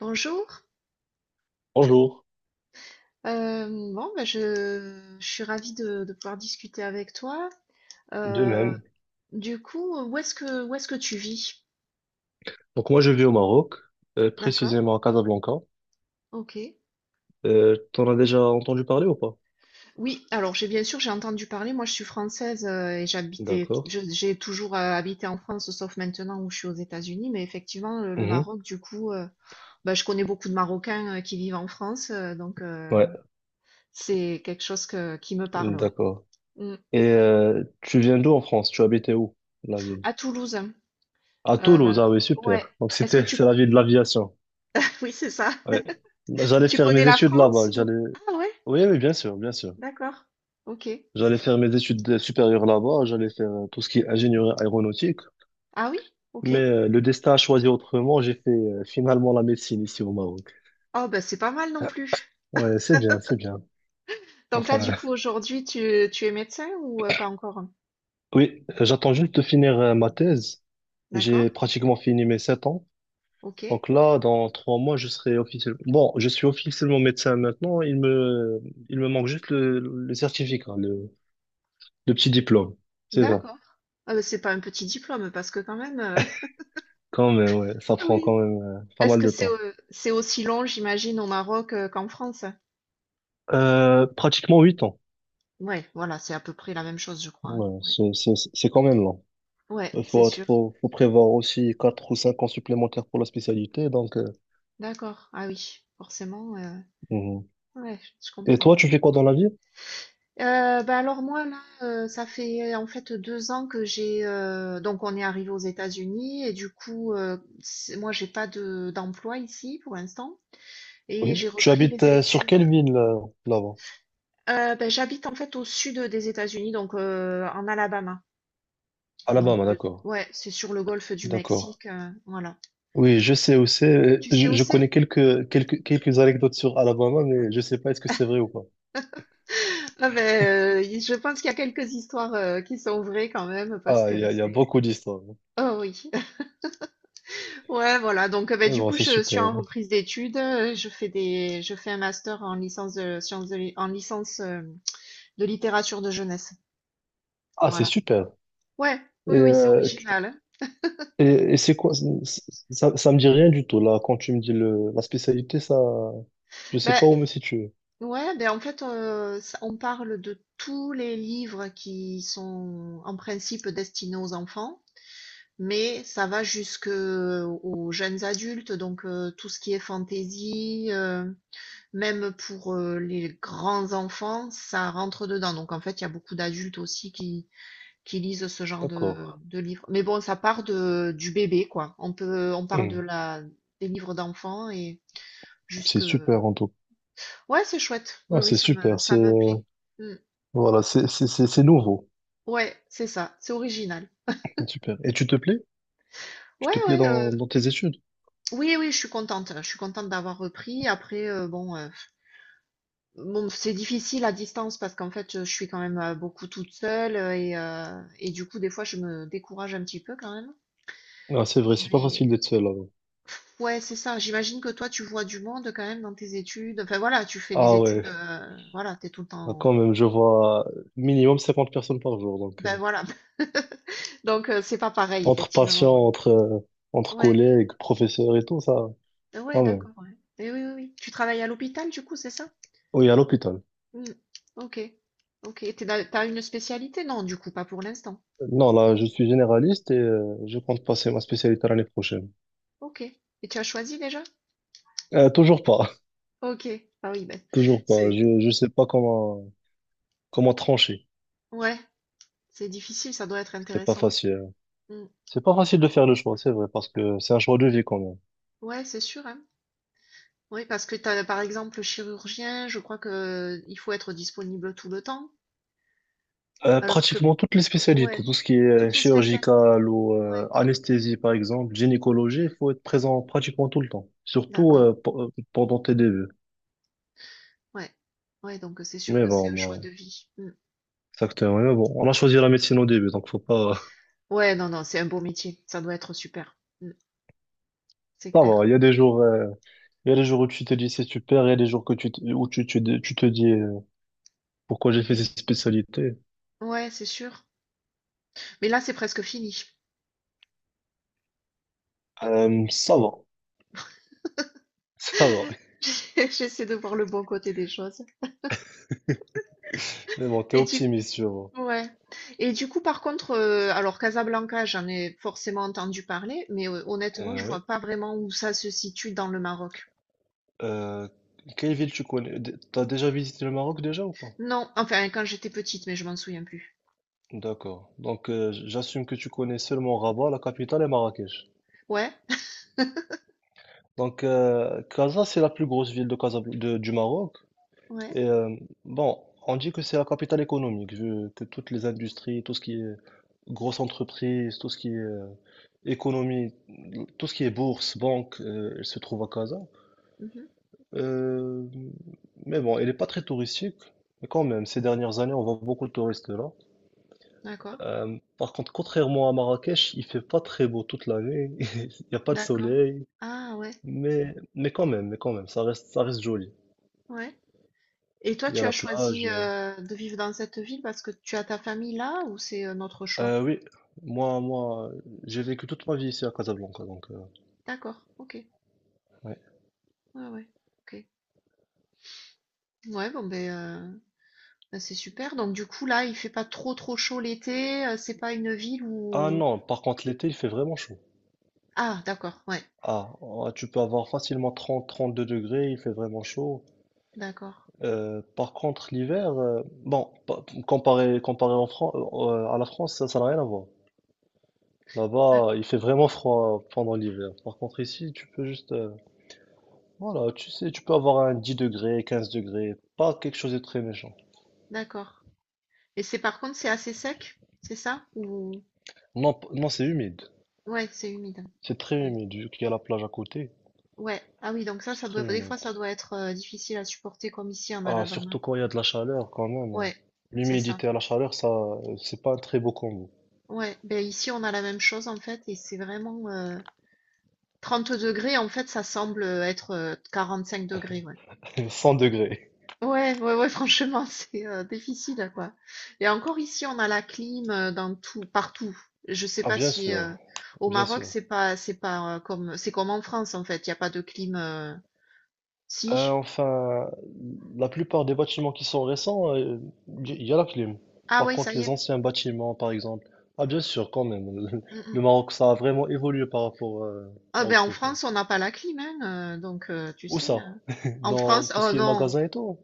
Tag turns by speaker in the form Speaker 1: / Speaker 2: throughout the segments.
Speaker 1: Bonjour.
Speaker 2: Bonjour,
Speaker 1: Euh, bon, ben, je suis ravie de pouvoir discuter avec toi.
Speaker 2: de
Speaker 1: Euh,
Speaker 2: même.
Speaker 1: du coup, où est-ce que tu vis?
Speaker 2: Donc moi je vis au Maroc,
Speaker 1: D'accord,
Speaker 2: précisément à Casablanca.
Speaker 1: ok.
Speaker 2: T'en as déjà entendu parler ou pas?
Speaker 1: Oui, alors j'ai entendu parler, moi je suis française, et
Speaker 2: D'accord.
Speaker 1: j'ai toujours habité en France, sauf maintenant où je suis aux États-Unis, mais effectivement, le
Speaker 2: Mhm.
Speaker 1: Maroc, du coup, ben, je connais beaucoup de Marocains, qui vivent en France,
Speaker 2: Ouais,
Speaker 1: c'est quelque chose qui me parle, ouais.
Speaker 2: d'accord.
Speaker 1: Mm.
Speaker 2: Et tu viens d'où en France? Tu habitais où, la ville?
Speaker 1: À Toulouse,
Speaker 2: À
Speaker 1: euh,
Speaker 2: Toulouse, ah oui,
Speaker 1: ouais.
Speaker 2: super. Donc
Speaker 1: Est-ce que
Speaker 2: c'était
Speaker 1: tu...
Speaker 2: c'est la ville de l'aviation.
Speaker 1: Oui, c'est ça.
Speaker 2: Ouais. J'allais
Speaker 1: Tu
Speaker 2: faire
Speaker 1: connais
Speaker 2: mes
Speaker 1: la
Speaker 2: études
Speaker 1: France
Speaker 2: là-bas.
Speaker 1: ou?
Speaker 2: J'allais.
Speaker 1: Ah ouais,
Speaker 2: Oui, oui, bien sûr, bien sûr.
Speaker 1: d'accord. OK.
Speaker 2: J'allais faire mes études supérieures là-bas. J'allais faire tout ce qui est ingénierie aéronautique.
Speaker 1: Ah oui? OK.
Speaker 2: Mais le destin a choisi autrement. J'ai fait finalement la médecine ici au Maroc.
Speaker 1: Oh bah c'est pas mal non plus.
Speaker 2: Ouais, c'est bien, c'est bien.
Speaker 1: Donc là
Speaker 2: Enfin,
Speaker 1: du coup aujourd'hui tu es médecin ou pas encore?
Speaker 2: oui, j'attends juste de finir ma thèse.
Speaker 1: D'accord.
Speaker 2: J'ai pratiquement fini mes 7 ans.
Speaker 1: OK.
Speaker 2: Donc là, dans 3 mois, je serai officiellement... Bon, je suis officiellement médecin maintenant. Il me manque juste le certificat, hein, le petit diplôme. C'est ça.
Speaker 1: D'accord. Ah bah c'est pas un petit diplôme parce que quand même,
Speaker 2: Quand même, ouais. Ça prend
Speaker 1: oui.
Speaker 2: quand même pas
Speaker 1: Est-ce
Speaker 2: mal
Speaker 1: que
Speaker 2: de temps.
Speaker 1: c'est aussi long, j'imagine, au Maroc qu'en France?
Speaker 2: Pratiquement 8 ans.
Speaker 1: Ouais, voilà, c'est à peu près la même chose, je crois, hein.
Speaker 2: Ouais,
Speaker 1: Ouais,
Speaker 2: c'est quand même long.
Speaker 1: ouais,
Speaker 2: Il
Speaker 1: c'est
Speaker 2: faut,
Speaker 1: sûr.
Speaker 2: faut, faut prévoir aussi 4 ou 5 ans supplémentaires pour la spécialité. Donc,
Speaker 1: D'accord. Ah oui, forcément,
Speaker 2: mhm.
Speaker 1: ouais, je
Speaker 2: Et
Speaker 1: comprends.
Speaker 2: toi, tu fais quoi dans la vie?
Speaker 1: Bah alors moi là, ça fait en fait deux ans que j'ai donc on est arrivé aux États-Unis et du coup, moi j'ai pas de d'emploi ici pour l'instant et
Speaker 2: Oui.
Speaker 1: j'ai
Speaker 2: Tu
Speaker 1: repris
Speaker 2: habites
Speaker 1: des
Speaker 2: sur
Speaker 1: études.
Speaker 2: quelle ville là-bas?
Speaker 1: Ben, j'habite en fait au sud des États-Unis, donc en Alabama, donc
Speaker 2: Alabama, d'accord.
Speaker 1: ouais, c'est sur le golfe du
Speaker 2: D'accord.
Speaker 1: Mexique, voilà.
Speaker 2: Oui, je sais où c'est. euh,
Speaker 1: Tu sais
Speaker 2: Je,
Speaker 1: où
Speaker 2: je
Speaker 1: c'est?
Speaker 2: connais quelques anecdotes sur Alabama, mais je sais pas est-ce que c'est vrai ou pas.
Speaker 1: Ah ben, je pense qu'il y a quelques histoires qui sont vraies quand même parce
Speaker 2: Ah,
Speaker 1: que
Speaker 2: il y a
Speaker 1: c'est
Speaker 2: beaucoup d'histoires.
Speaker 1: oh oui. Ouais, voilà. Donc, bah,
Speaker 2: Mais
Speaker 1: du
Speaker 2: bon,
Speaker 1: coup,
Speaker 2: c'est
Speaker 1: je suis
Speaker 2: super.
Speaker 1: en reprise d'études. Je fais je fais un master en licence de sciences en licence de littérature de jeunesse.
Speaker 2: Ah, c'est
Speaker 1: Voilà.
Speaker 2: super.
Speaker 1: Ouais.
Speaker 2: Et,
Speaker 1: Oui, oui, c'est
Speaker 2: euh,
Speaker 1: original, hein.
Speaker 2: et, et c'est quoi? Ça me dit rien du tout, là. Quand tu me dis la spécialité, ça, je sais
Speaker 1: Ben,
Speaker 2: pas où me situer.
Speaker 1: ouais, ben en fait, on parle de tous les livres qui sont en principe destinés aux enfants, mais ça va jusque aux jeunes adultes, donc tout ce qui est fantaisie. Même pour, les grands enfants, ça rentre dedans. Donc en fait, il y a beaucoup d'adultes aussi qui lisent ce genre
Speaker 2: D'accord.
Speaker 1: de livres. Mais bon, ça part de du bébé, quoi. On parle de
Speaker 2: Hmm.
Speaker 1: la des livres d'enfants et
Speaker 2: C'est
Speaker 1: jusque
Speaker 2: super en tout.
Speaker 1: ouais, c'est chouette. Oui,
Speaker 2: Ah,
Speaker 1: oui,
Speaker 2: c'est super.
Speaker 1: ça
Speaker 2: C'est
Speaker 1: me plaît. Mmh.
Speaker 2: voilà, c'est nouveau.
Speaker 1: Ouais, c'est ça, c'est original.
Speaker 2: Super. Et tu te plais? Tu
Speaker 1: Ouais,
Speaker 2: te plais
Speaker 1: ouais,
Speaker 2: dans tes études?
Speaker 1: oui, oui, je suis contente d'avoir repris. Après, bon, c'est difficile à distance parce qu'en fait, je suis quand même beaucoup toute seule, et du coup, des fois, je me décourage un petit peu quand même.
Speaker 2: Ah, c'est vrai, c'est pas
Speaker 1: Mais
Speaker 2: facile d'être seul là-bas.
Speaker 1: ouais, c'est ça. J'imagine que toi, tu vois du monde quand même dans tes études. Enfin voilà, tu fais les
Speaker 2: Ah
Speaker 1: études,
Speaker 2: ouais.
Speaker 1: voilà, t'es tout le
Speaker 2: Ah,
Speaker 1: temps.
Speaker 2: quand même, je vois minimum 50 personnes par jour. Donc
Speaker 1: Ben voilà. Donc c'est pas pareil,
Speaker 2: entre
Speaker 1: effectivement.
Speaker 2: patients,
Speaker 1: Ouais,
Speaker 2: entre
Speaker 1: ouais,
Speaker 2: collègues, professeurs et tout ça,
Speaker 1: ah ouais,
Speaker 2: quand même.
Speaker 1: d'accord. Ouais. Et oui, oui, oui. Tu travailles à l'hôpital, du coup, c'est ça?
Speaker 2: Oui, à l'hôpital.
Speaker 1: Mm. Ok, ok. T'as une spécialité? Non, du coup, pas pour l'instant.
Speaker 2: Non, là, je suis généraliste et je compte passer ma spécialité l'année prochaine.
Speaker 1: Ok. Et tu as choisi déjà?
Speaker 2: Toujours pas,
Speaker 1: OK. Ah oui, ben,
Speaker 2: toujours pas.
Speaker 1: c'est
Speaker 2: Je sais pas comment trancher.
Speaker 1: ouais, c'est difficile, ça doit être
Speaker 2: C'est pas
Speaker 1: intéressant.
Speaker 2: facile, hein.
Speaker 1: Mm.
Speaker 2: C'est pas facile de faire le choix, c'est vrai, parce que c'est un choix de vie quand même.
Speaker 1: Ouais, c'est sûr, hein. Oui, parce que t'as, par exemple, le chirurgien, je crois que il faut être disponible tout le temps,
Speaker 2: Euh,
Speaker 1: alors que,
Speaker 2: pratiquement toutes les spécialités,
Speaker 1: ouais,
Speaker 2: tout ce qui est
Speaker 1: toutes les spécialités.
Speaker 2: chirurgical ou
Speaker 1: Ouais,
Speaker 2: anesthésie par exemple, gynécologie, il faut être présent pratiquement tout le temps, surtout
Speaker 1: d'accord.
Speaker 2: pendant tes débuts.
Speaker 1: Ouais. Ouais, donc c'est sûr
Speaker 2: Mais
Speaker 1: que c'est
Speaker 2: bon,
Speaker 1: un choix de
Speaker 2: bon,
Speaker 1: vie. Mm.
Speaker 2: exactement. Mais bon, on a choisi la médecine au début, donc faut pas.
Speaker 1: Ouais, non, non, c'est un beau métier, ça doit être super. Mm. C'est
Speaker 2: Ça va.
Speaker 1: clair.
Speaker 2: Il y a des jours où tu te dis c'est super, il y a des jours que où tu te dis pourquoi j'ai fait
Speaker 1: Mm.
Speaker 2: cette spécialité.
Speaker 1: Ouais, c'est sûr. Mais là, c'est presque fini.
Speaker 2: Ça va, ça va.
Speaker 1: J'essaie de voir le bon côté des choses.
Speaker 2: Mais bon, t'es
Speaker 1: Et tu
Speaker 2: optimiste, je vois.
Speaker 1: Ouais. Et du coup, par contre, alors Casablanca, j'en ai forcément entendu parler, mais honnêtement,
Speaker 2: Euh,
Speaker 1: je
Speaker 2: ouais.
Speaker 1: vois pas vraiment où ça se situe dans le Maroc.
Speaker 2: Euh, quelle ville tu connais? T'as déjà visité le Maroc déjà ou pas?
Speaker 1: Non, enfin quand j'étais petite, mais je m'en souviens plus.
Speaker 2: D'accord. Donc j'assume que tu connais seulement Rabat, la capitale, et Marrakech.
Speaker 1: Ouais,
Speaker 2: Donc Casa, c'est la plus grosse ville de du Maroc.
Speaker 1: ouais.
Speaker 2: Et bon, on dit que c'est la capitale économique, vu que toutes les industries, tout ce qui est grosses entreprises, tout ce qui est économie, tout ce qui est bourse, banque, elle se trouve à Casa.
Speaker 1: Mmh.
Speaker 2: Euh, mais bon, elle n'est pas très touristique, mais quand même, ces dernières années, on voit beaucoup de touristes là.
Speaker 1: D'accord,
Speaker 2: Par contre, contrairement à Marrakech, il fait pas très beau toute l'année. Il n'y a pas de
Speaker 1: d'accord.
Speaker 2: soleil,
Speaker 1: Ah ouais,
Speaker 2: mais quand même, mais quand même, ça reste joli.
Speaker 1: ouais. Et toi,
Speaker 2: Il y
Speaker 1: tu
Speaker 2: a
Speaker 1: as
Speaker 2: la
Speaker 1: choisi,
Speaker 2: plage. Euh,
Speaker 1: de vivre dans cette ville parce que tu as ta famille là ou c'est un autre choix?
Speaker 2: Euh, oui, moi, j'ai vécu toute ma vie ici à Casablanca, donc
Speaker 1: D'accord, OK.
Speaker 2: ouais.
Speaker 1: Ouais, ouais. OK. Ouais, bon ben, heu, bah, c'est super. Donc du coup, là, il fait pas trop chaud l'été, c'est pas une ville
Speaker 2: Ah
Speaker 1: où
Speaker 2: non, par contre l'été, il fait vraiment chaud.
Speaker 1: ah d'accord, ouais,
Speaker 2: Ah, ah, tu peux avoir facilement 30 32 degrés, il fait vraiment chaud.
Speaker 1: d'accord,
Speaker 2: Par contre l'hiver, bon, comparé à la France, ça n'a rien à voir. Là-bas,
Speaker 1: d'accord,
Speaker 2: il fait vraiment froid pendant l'hiver. Par contre, ici, tu peux juste, voilà, tu sais, tu peux avoir un 10 degrés, 15 degrés, pas quelque chose de très méchant.
Speaker 1: d'accord. Et c'est par contre c'est assez sec, c'est ça? Ou
Speaker 2: Non, non, c'est humide.
Speaker 1: ouais, c'est humide.
Speaker 2: C'est très
Speaker 1: Ouais.
Speaker 2: humide, vu qu'il y a la plage à côté.
Speaker 1: Ouais. Ah oui, donc ça,
Speaker 2: C'est
Speaker 1: ça
Speaker 2: très
Speaker 1: doit des
Speaker 2: humide.
Speaker 1: fois ça doit être difficile à supporter comme ici en
Speaker 2: Ah,
Speaker 1: Alabama.
Speaker 2: surtout quand il y a de la chaleur, quand même, hein.
Speaker 1: Ouais, c'est ça.
Speaker 2: L'humidité à la chaleur, ça, c'est pas un très beau combo.
Speaker 1: Ouais. Ben ici on a la même chose en fait et c'est vraiment, 30 degrés en fait ça semble être 5 degrés, ouais.
Speaker 2: 100 degrés.
Speaker 1: Ouais, ouais, ouais, franchement, c'est difficile, quoi. Et encore ici, on a la clim, dans tout, partout. Je sais
Speaker 2: Ah,
Speaker 1: pas
Speaker 2: bien
Speaker 1: si
Speaker 2: sûr,
Speaker 1: au
Speaker 2: bien
Speaker 1: Maroc,
Speaker 2: sûr.
Speaker 1: c'est pas c'est comme en France, en fait. Il y a pas de clim,
Speaker 2: Euh,
Speaker 1: si?
Speaker 2: enfin, la plupart des bâtiments qui sont récents, il y a la clim.
Speaker 1: Ah
Speaker 2: Par
Speaker 1: ouais, ça
Speaker 2: contre,
Speaker 1: y
Speaker 2: les
Speaker 1: est.
Speaker 2: anciens bâtiments, par exemple, ah bien sûr, quand même,
Speaker 1: Mm, mm.
Speaker 2: le Maroc, ça a vraiment évolué par rapport
Speaker 1: Ah
Speaker 2: à
Speaker 1: ben en
Speaker 2: autrefois.
Speaker 1: France, on n'a pas la clim, hein, tu
Speaker 2: Où
Speaker 1: sais.
Speaker 2: ça?
Speaker 1: En
Speaker 2: Dans
Speaker 1: France,
Speaker 2: tout ce
Speaker 1: oh
Speaker 2: qui est
Speaker 1: non,
Speaker 2: magasin et tout?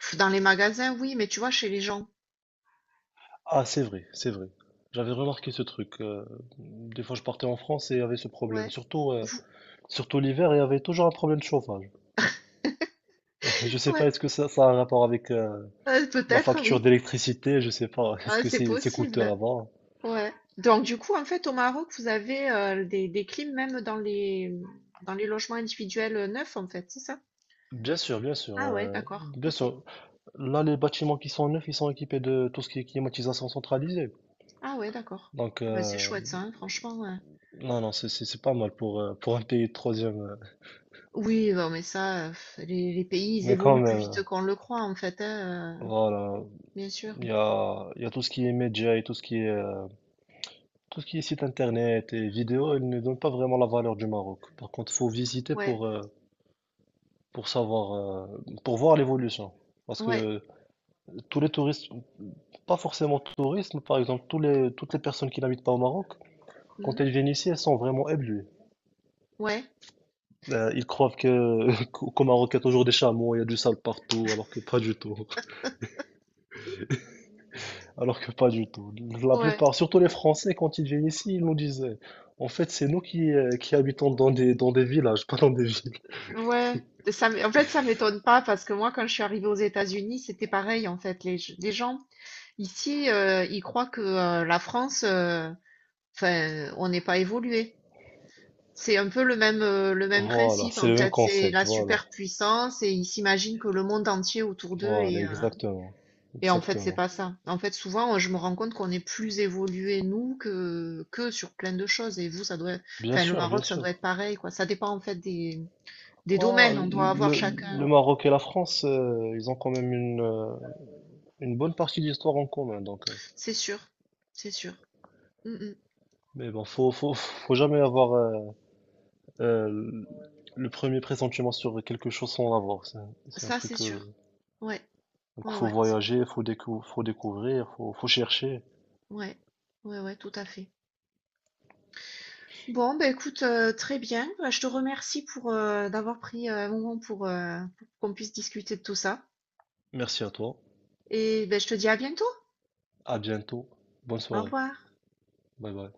Speaker 1: pff, dans les magasins, oui, mais tu vois, chez les gens,
Speaker 2: Ah, c'est vrai, c'est vrai. J'avais remarqué ce truc. Des fois, je partais en France et il y avait ce problème.
Speaker 1: ouais,
Speaker 2: Surtout, euh,
Speaker 1: vous-
Speaker 2: surtout l'hiver, il y avait toujours un problème de chauffage. Je sais pas,
Speaker 1: ouais,
Speaker 2: est-ce que ça a un rapport avec la
Speaker 1: peut-être,
Speaker 2: facture
Speaker 1: oui.
Speaker 2: d'électricité? Je sais pas, est-ce
Speaker 1: Ah,
Speaker 2: que
Speaker 1: c'est
Speaker 2: c'est coûteux
Speaker 1: possible.
Speaker 2: là-bas?
Speaker 1: Ouais. Donc du coup, en fait, au Maroc, vous avez, des clims même dans les logements individuels, neufs, en fait, c'est ça?
Speaker 2: Bien sûr, bien sûr,
Speaker 1: Ah ouais, d'accord.
Speaker 2: bien
Speaker 1: Ok.
Speaker 2: sûr. Là, les bâtiments qui sont neufs, ils sont équipés de tout ce qui est climatisation centralisée.
Speaker 1: Ah ouais, d'accord.
Speaker 2: Donc,
Speaker 1: Ah bah, c'est chouette ça, hein, franchement, ouais.
Speaker 2: non, non, c'est pas mal pour un pays de troisième.
Speaker 1: Oui, non, mais ça, pff, les pays, ils
Speaker 2: Mais quand
Speaker 1: évoluent plus
Speaker 2: même,
Speaker 1: vite qu'on le croit, en fait, hein,
Speaker 2: voilà,
Speaker 1: bien sûr.
Speaker 2: il y a tout ce qui est médias et tout ce qui est site internet et vidéo, ils ne donnent pas vraiment la valeur du Maroc. Par contre, faut visiter
Speaker 1: Ouais,
Speaker 2: pour savoir, pour voir l'évolution. Parce
Speaker 1: ouais,
Speaker 2: que tous les touristes, pas forcément touristes, mais par exemple, toutes les personnes qui n'habitent pas au Maroc, quand
Speaker 1: mhm,
Speaker 2: ils viennent ici, elles sont vraiment éblouies.
Speaker 1: ouais,
Speaker 2: Ils croient que qu'au Maroc, il y a toujours des chameaux, il y a du sale partout, alors que pas du tout. Alors que pas du tout. La
Speaker 1: ouais,
Speaker 2: plupart, surtout les Français, quand ils viennent ici, ils nous disaient, en fait, c'est nous qui habitons dans des villages, pas dans des villes.
Speaker 1: ouais. En fait, ça m'étonne pas parce que moi, quand je suis arrivée aux États-Unis, c'était pareil, en fait. Les gens ici, ils croient que la France, enfin, on n'est pas évolué. C'est un peu le même
Speaker 2: Voilà,
Speaker 1: principe
Speaker 2: c'est
Speaker 1: en
Speaker 2: le même
Speaker 1: fait. C'est
Speaker 2: concept,
Speaker 1: la
Speaker 2: voilà.
Speaker 1: superpuissance et ils s'imaginent que le monde entier autour d'eux
Speaker 2: Voilà,
Speaker 1: est,
Speaker 2: exactement.
Speaker 1: et en fait c'est
Speaker 2: Exactement.
Speaker 1: pas ça. En fait souvent, je me rends compte qu'on est plus évolué nous que sur plein de choses. Et vous ça doit,
Speaker 2: Bien
Speaker 1: enfin le
Speaker 2: sûr, bien
Speaker 1: Maroc ça doit
Speaker 2: sûr.
Speaker 1: être pareil quoi. Ça dépend en fait des
Speaker 2: Oh,
Speaker 1: domaines. On doit avoir
Speaker 2: le
Speaker 1: chacun.
Speaker 2: Maroc et la France, ils ont quand même une bonne partie d'histoire en commun, donc. euh,
Speaker 1: C'est sûr, c'est sûr. Mm, mm.
Speaker 2: mais bon, faut jamais avoir, Euh, le premier pressentiment sur quelque chose sans l'avoir, c'est un
Speaker 1: Ça c'est
Speaker 2: truc. euh,
Speaker 1: sûr. Ouais,
Speaker 2: donc
Speaker 1: ouais,
Speaker 2: faut
Speaker 1: ouais,
Speaker 2: voyager, faut découvrir, faut chercher.
Speaker 1: ouais, ouais, ouais, tout à fait. Bon, bah écoute, très bien. Bah, je te remercie pour, d'avoir pris, un moment pour qu'on puisse discuter de tout ça
Speaker 2: Merci à toi.
Speaker 1: et beh, je te dis à bientôt.
Speaker 2: À bientôt. Bonne
Speaker 1: Au
Speaker 2: soirée.
Speaker 1: revoir.
Speaker 2: Bye bye.